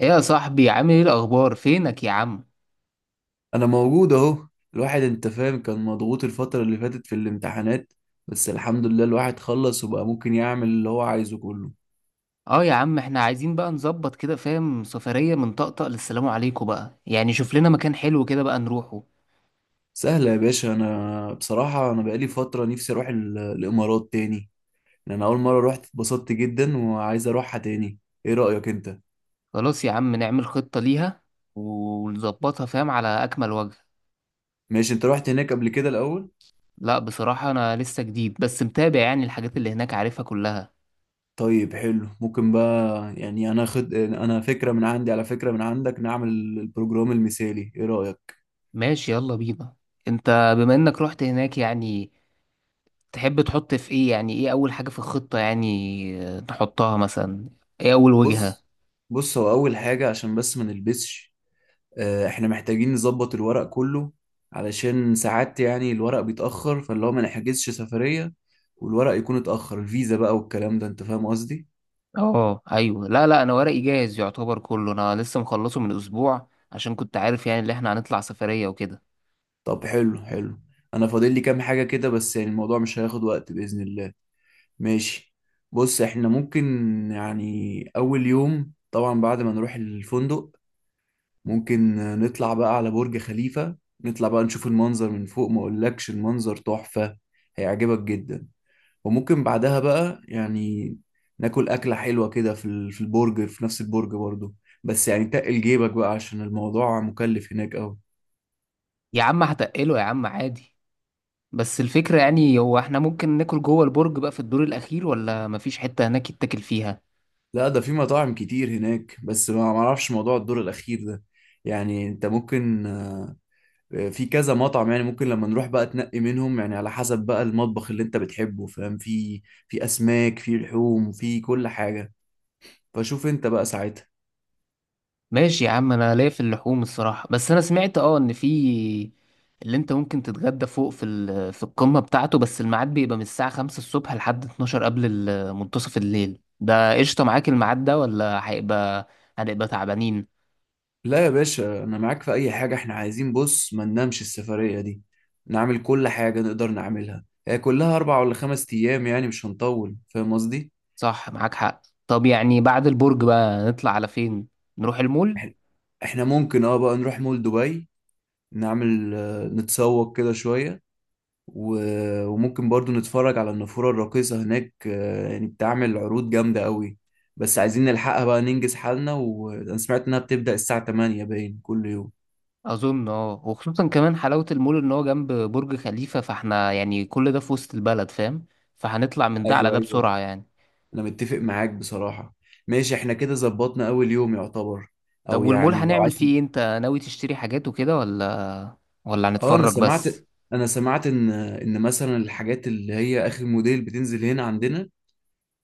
ايه يا صاحبي، عامل ايه؟ الاخبار؟ فينك يا عم؟ انا موجود اهو. الواحد انت فاهم كان مضغوط الفترة اللي فاتت في الامتحانات، بس الحمد لله الواحد خلص وبقى ممكن يعمل اللي هو عايزه كله. اه يا عم احنا عايزين بقى نظبط كده، فاهم؟ سفرية من طقطق للسلام عليكم بقى، يعني شوف لنا مكان حلو كده بقى نروحه. سهلة يا باشا، انا بصراحة انا بقالي فترة نفسي اروح الامارات تاني، لأن انا اول مرة رحت اتبسطت جدا وعايز اروحها تاني. ايه رأيك انت؟ خلاص يا عم نعمل خطة ليها ونظبطها، فاهم، على اكمل وجه. ماشي، انت رحت هناك قبل كده الاول؟ لا بصراحة انا لسه جديد، بس متابع يعني الحاجات اللي هناك، عارفها كلها. طيب حلو، ممكن بقى يعني انا خد انا فكرة من عندي، على فكرة من عندك، نعمل البروجرام المثالي، ايه رأيك؟ ماشي يلا بينا. انت بما انك رحت هناك يعني، تحب تحط في ايه؟ يعني ايه اول حاجة في الخطة يعني؟ نحطها مثلا. ايه اول وجهة؟ بص بص، هو اول حاجة عشان بس ما نلبسش، احنا محتاجين نظبط الورق كله، علشان ساعات يعني الورق بيتأخر، فاللي هو ما نحجزش سفرية والورق يكون اتأخر الفيزا بقى والكلام ده، انت فاهم قصدي. اه ايوه، لا لا، انا ورقي جاهز يعتبر كله، انا لسه مخلصه من اسبوع عشان كنت عارف يعني اللي احنا هنطلع سفرية وكده. طب حلو حلو، انا فاضل لي كام حاجة كده، بس يعني الموضوع مش هياخد وقت بإذن الله. ماشي، بص احنا ممكن يعني اول يوم طبعا بعد ما نروح الفندق، ممكن نطلع بقى على برج خليفة، نطلع بقى نشوف المنظر من فوق، ما اقولكش المنظر تحفة، هيعجبك جدا. وممكن بعدها بقى يعني ناكل أكلة حلوة كده في البرج، في نفس البرج برضو، بس يعني تقل جيبك بقى عشان الموضوع مكلف هناك أوي. يا عم هتقله يا عم، عادي. بس الفكرة يعني هو احنا ممكن ناكل جوه البرج بقى في الدور الاخير، ولا مفيش حتة هناك يتاكل فيها؟ لا ده في مطاعم كتير هناك، بس ما معرفش موضوع الدور الأخير ده، يعني انت ممكن في كذا مطعم، يعني ممكن لما نروح بقى تنقي منهم يعني على حسب بقى المطبخ اللي انت بتحبه، فاهم؟ في أسماك، في لحوم، في كل حاجة، فشوف انت بقى ساعتها. ماشي يا عم، انا ليا في اللحوم الصراحة، بس انا سمعت اه ان في اللي انت ممكن تتغدى فوق، في في القمة بتاعته بس الميعاد بيبقى من الساعة 5 الصبح لحد 12 قبل منتصف الليل. ده قشطة معاك الميعاد ده ولا هيبقى هنبقى تعبانين؟ لا يا باشا، انا معاك في اي حاجه، احنا عايزين بص ما ننامش السفريه دي، نعمل كل حاجه نقدر نعملها. هي كلها اربع ولا خمس ايام، يعني مش هنطول، فاهم قصدي. صح معاك حق. طب يعني بعد البرج بقى نطلع على فين؟ نروح المول؟ إح- احنا ممكن اه بقى نروح مول دبي، نعمل نتسوق كده شويه، وممكن برضو نتفرج على النافوره الراقصه هناك. يعني بتعمل عروض جامده قوي، بس عايزين نلحقها بقى ننجز حالنا، وانا سمعت انها بتبدا الساعه 8 باين كل يوم. اظن اه، وخصوصا كمان حلاوة المول ان هو جنب برج خليفة، فاحنا يعني كل ده في وسط البلد، فاهم؟ فهنطلع من ده على ايوه ده ايوه، بسرعة يعني. انا متفق معاك بصراحة. ماشي، احنا كده ظبطنا اول يوم يعتبر. طب او والمول يعني لو هنعمل عايز، فيه ايه؟ انت ناوي تشتري حاجات وكده ولا ولا اه انا هنتفرج بس؟ سمعت، ان مثلا الحاجات اللي هي اخر موديل بتنزل هنا عندنا،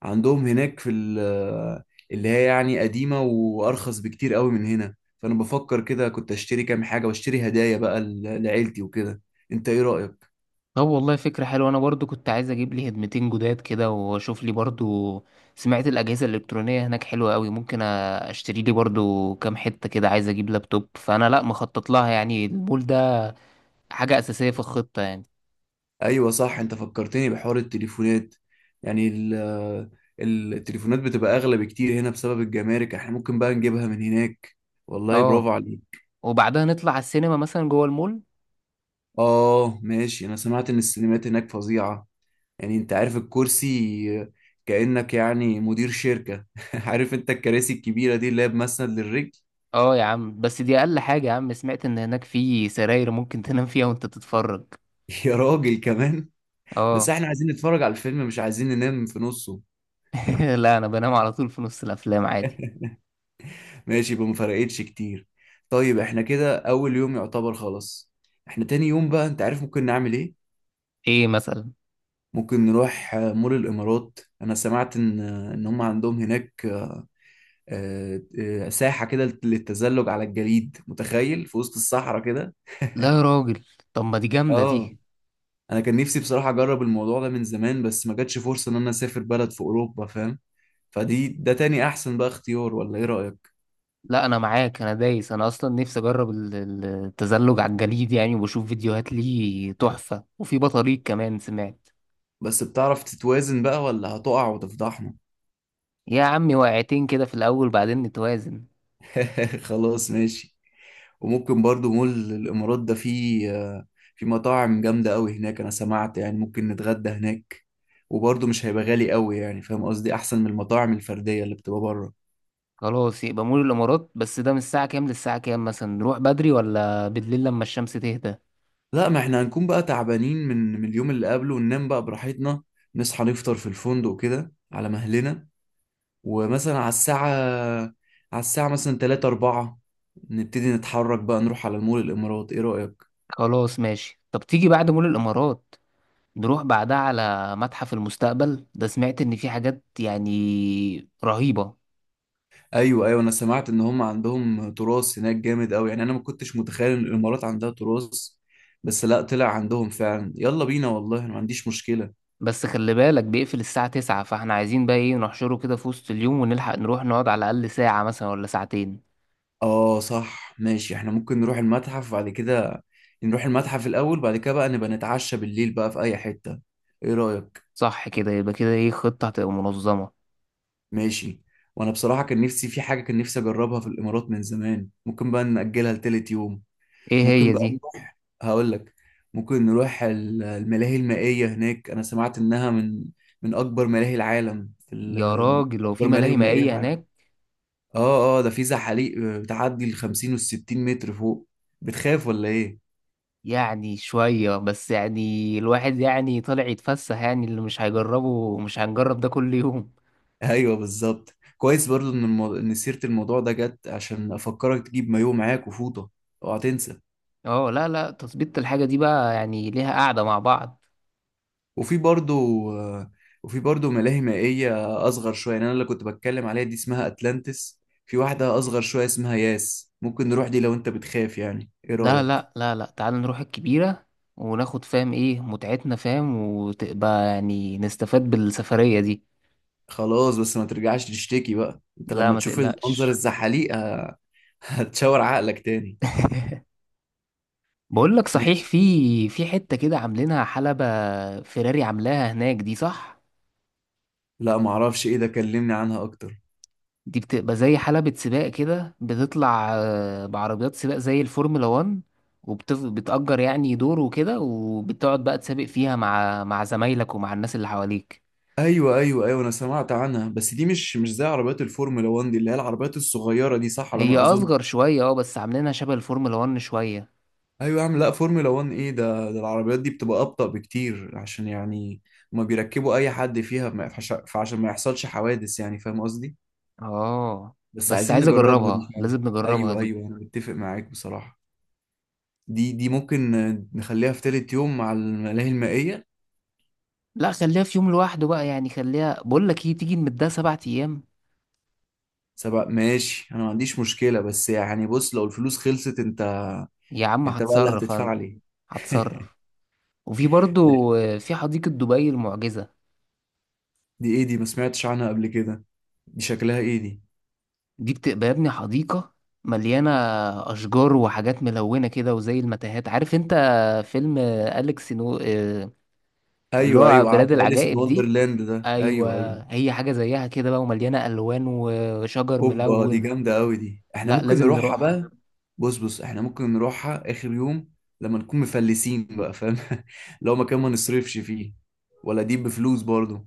عندهم هناك اللي هي يعني قديمة وارخص بكتير قوي من هنا، فانا بفكر كده كنت اشتري كام حاجة واشتري هدايا بقى لعيلتي وكده. انت ايه رأيك؟ طب والله فكرة حلوة، أنا برضو كنت عايز أجيب لي هدمتين جداد كده وأشوف لي برضو. سمعت الأجهزة الإلكترونية هناك حلوة أوي، ممكن أشتري لي برضو كام حتة كده، عايز أجيب لابتوب، فأنا لأ مخطط لها يعني، المول ده حاجة أساسية في الخطة يعني. ايوه صح، انت فكرتني بحوار التليفونات، يعني ال التليفونات بتبقى اغلى بكتير هنا بسبب الجمارك، احنا ممكن بقى نجيبها من هناك. والله برافو أه، عليك. وبعدها نطلع على السينما مثلا جوه المول. اه ماشي، انا سمعت ان السينمات هناك فظيعة، يعني انت عارف الكرسي كأنك يعني مدير شركة عارف انت الكراسي الكبيرة دي اللي هي بمسند للرجل. أه يا عم بس دي أقل حاجة يا عم، سمعت إن هناك في سراير ممكن تنام فيها وأنت تتفرج. يا راجل كمان، بس أه. احنا عايزين نتفرج على الفيلم، مش عايزين ننام في نصه. لا أنا بنام على طول في نص الأفلام عادي. ماشي، يبقى ما فرقتش كتير. طيب احنا كده اول يوم يعتبر خلاص، احنا تاني يوم بقى انت عارف ممكن نعمل ايه؟ إيه مثلا؟ ممكن نروح مول الامارات، انا سمعت ان هم عندهم هناك ساحة كده للتزلج على الجليد، متخيل في وسط الصحراء كده. لا يا راجل، طب ما دي جامدة دي. اه انا كان نفسي بصراحة اجرب الموضوع ده من زمان، بس ما جاتش فرصة ان انا اسافر بلد في اوروبا، فاهم؟ فدي ده تاني احسن بقى اختيار، ولا ايه رأيك؟ لا انا معاك، انا دايس، انا اصلا نفسي اجرب التزلج على الجليد يعني، وبشوف فيديوهات ليه تحفة، وفي بطاريق كمان سمعت. بس بتعرف تتوازن بقى، ولا هتقع وتفضحنا؟ يا عمي، وقعتين كده في الاول بعدين نتوازن. خلاص ماشي. وممكن برضو مول الإمارات ده فيه في مطاعم جامدة أوي هناك، أنا سمعت، يعني ممكن نتغدى هناك، وبرضو مش هيبقى غالي أوي، يعني فاهم قصدي، أحسن من المطاعم الفردية اللي بتبقى بره. خلاص يبقى مول الامارات. بس ده من الساعة كام للساعة كام؟ مثلا نروح بدري ولا بالليل لما الشمس تهدى؟ لا ما احنا هنكون بقى تعبانين من اليوم اللي قبله، وننام بقى براحتنا، نصحى نفطر في الفندق كده على مهلنا، ومثلا على الساعة، مثلا 3 4 نبتدي نتحرك بقى، نروح على المول الإمارات، إيه رأيك؟ خلاص ماشي. طب تيجي بعد مول الامارات نروح بعدها على متحف المستقبل، ده سمعت ان في حاجات يعني رهيبة. ايوه ايوه، انا سمعت ان هم عندهم تراث هناك جامد قوي، يعني انا ما كنتش متخيل ان الامارات عندها تراث، بس لا طلع عندهم فعلا، يلا بينا، والله انا ما عنديش مشكلة. بس خلي بالك بيقفل الساعة تسعة، فاحنا عايزين بقى ايه، نحشره كده في وسط اليوم ونلحق نروح نقعد على الأقل ساعة مثلا ولا ساعتين. اه صح ماشي، احنا ممكن نروح المتحف بعد كده، نروح المتحف الاول بعد كده بقى نبقى نتعشى بالليل بقى في اي حتة، ايه رأيك؟ صح كده يبقى كده، ايه، خطة هتبقى منظمة. ماشي. وانا بصراحة كان نفسي في حاجة، كان نفسي اجربها في الامارات من زمان، ممكن بقى نأجلها لتالت يوم. ايه ممكن هي بقى دي؟ نروح، هقول لك، ممكن نروح الملاهي المائية هناك، أنا سمعت إنها من أكبر ملاهي العالم، يا راجل لو أكبر في ملاهي ملاهي مائية في مائية العالم. هناك. ده في زحاليق بتعدي ال 50 وال 60 متر فوق، بتخاف ولا إيه؟ يعني شوية، بس يعني الواحد يعني طالع يتفسح، يعني اللي مش هيجربه، مش هنجرب ده كل يوم. أيوه بالظبط، كويس برضو إن سيرة الموضوع ده جت عشان أفكرك تجيب مايوه معاك وفوطة، أوعى تنسى. اه لا لا، تظبيط الحاجة دي بقى يعني ليها قعدة مع بعض. وفي برضو وفي برضو ملاهي مائية أصغر شوية، يعني أنا اللي كنت بتكلم عليها دي اسمها أتلانتس، في واحدة أصغر شوية اسمها ياس، ممكن نروح دي لو أنت بتخاف، يعني إيه لا رأيك؟ لا لا لا، تعال نروح الكبيرة، وناخد فاهم ايه متعتنا، فاهم، وتبقى يعني نستفاد بالسفرية دي. خلاص، بس ما ترجعش تشتكي بقى أنت لا لما ما تشوف المنظر تقلقش. الزحاليق هتشاور عقلك تاني. بقول لك صحيح، ماشي. في حتة كده عاملينها حلبة فيراري، عاملاها هناك دي، صح؟ لا معرفش إيه ده، كلمني عنها أكتر. دي بتبقى زي حلبة سباق كده، بتطلع بعربيات سباق زي الفورمولا 1، وبتأجر يعني دور وكده، وبتقعد بقى تسابق فيها مع زمايلك ومع الناس اللي حواليك. أيوة أيوة أيوة، أنا سمعت عنها، بس دي مش زي عربيات الفورمولا 1، دي اللي هي العربيات الصغيرة دي، صح على هي ما أظن؟ أصغر شوية اه، بس عاملينها شبه الفورمولا 1 شوية. ايوه يا عم، لا فورمولا 1 ايه، ده العربيات دي بتبقى ابطأ بكتير، عشان يعني ما بيركبوا اي حد فيها، ما يفحش- فعشان ما يحصلش حوادث، يعني فاهم قصدي. اه بس بس عايزين عايز نجربها دي اجربها، فعلا. لازم نجربها ايوه دي. ايوه، انا متفق معاك بصراحة. دي ممكن نخليها في تالت يوم مع الملاهي المائية. لا خليها في يوم لوحده بقى، يعني خليها، بقول لك ايه، تيجي نمدها سبع ايام. سبق ماشي، انا ما عنديش مشكلة، بس يعني بص لو الفلوس خلصت انت، يا عم انت بقى اللي هتصرف هتدفع انا، لي. هتصرف. وفي برضو في حديقة دبي المعجزة. دي ايه دي؟ ما سمعتش عنها قبل كده، دي شكلها ايه دي؟ دي بتبقى يا ابني حديقة مليانة أشجار وحاجات ملونة كده، وزي المتاهات، عارف انت فيلم أليكس نو اللي ايوه هو ايوه بلاد عارف، أليس ان العجائب دي. وندرلاند ده، أيوة، ايوه ايوه. هي حاجة زيها كده بقى، ومليانة ألوان وشجر هوبا، دي ملون. جامدة أوي دي، احنا لا ممكن لازم نروحها نروحها. بقى. بص بص، احنا ممكن نروحها آخر يوم، لما نكون مفلسين بقى فاهم لو مكان ما نصرفش فيه، ولا دي بفلوس برضو؟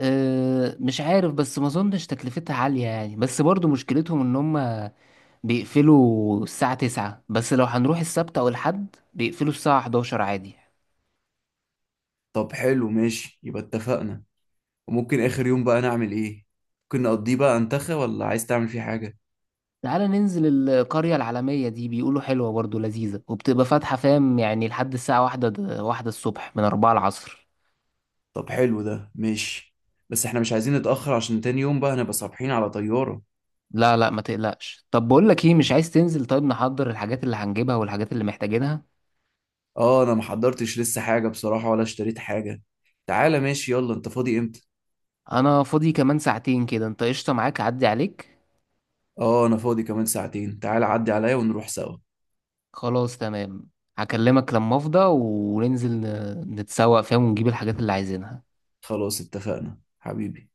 أه مش عارف، بس ما اظنش تكلفتها عالية يعني، بس برضو مشكلتهم ان هم بيقفلوا الساعة 9، بس لو هنروح السبت او الحد بيقفلوا الساعة 11 عادي. طب حلو ماشي، يبقى اتفقنا. وممكن آخر يوم بقى نعمل ايه؟ ممكن نقضيه بقى انتخى، ولا عايز تعمل فيه حاجة؟ تعالى ننزل القرية العالمية، دي بيقولوا حلوة برضو، لذيذة، وبتبقى فاتحة فاهم يعني لحد الساعة واحدة واحدة الصبح من أربعة العصر. طب حلو ده ماشي، بس احنا مش عايزين نتأخر عشان تاني يوم بقى هنبقى صابحين على طيارة. لا لا ما تقلقش. طب بقول لك ايه، مش عايز تنزل طيب نحضر الحاجات اللي هنجيبها والحاجات اللي محتاجينها. اه انا محضرتش لسه حاجة بصراحة ولا اشتريت حاجة، تعالى ماشي يلا، انت فاضي امتى؟ انا فاضي كمان ساعتين كده، انت قشطة معاك اعدي عليك؟ اه انا فاضي كمان ساعتين، تعال عدي عليا ونروح سوا. خلاص تمام. هكلمك لما افضى وننزل نتسوق فيها ونجيب الحاجات اللي عايزينها. خلاص اتفقنا حبيبي.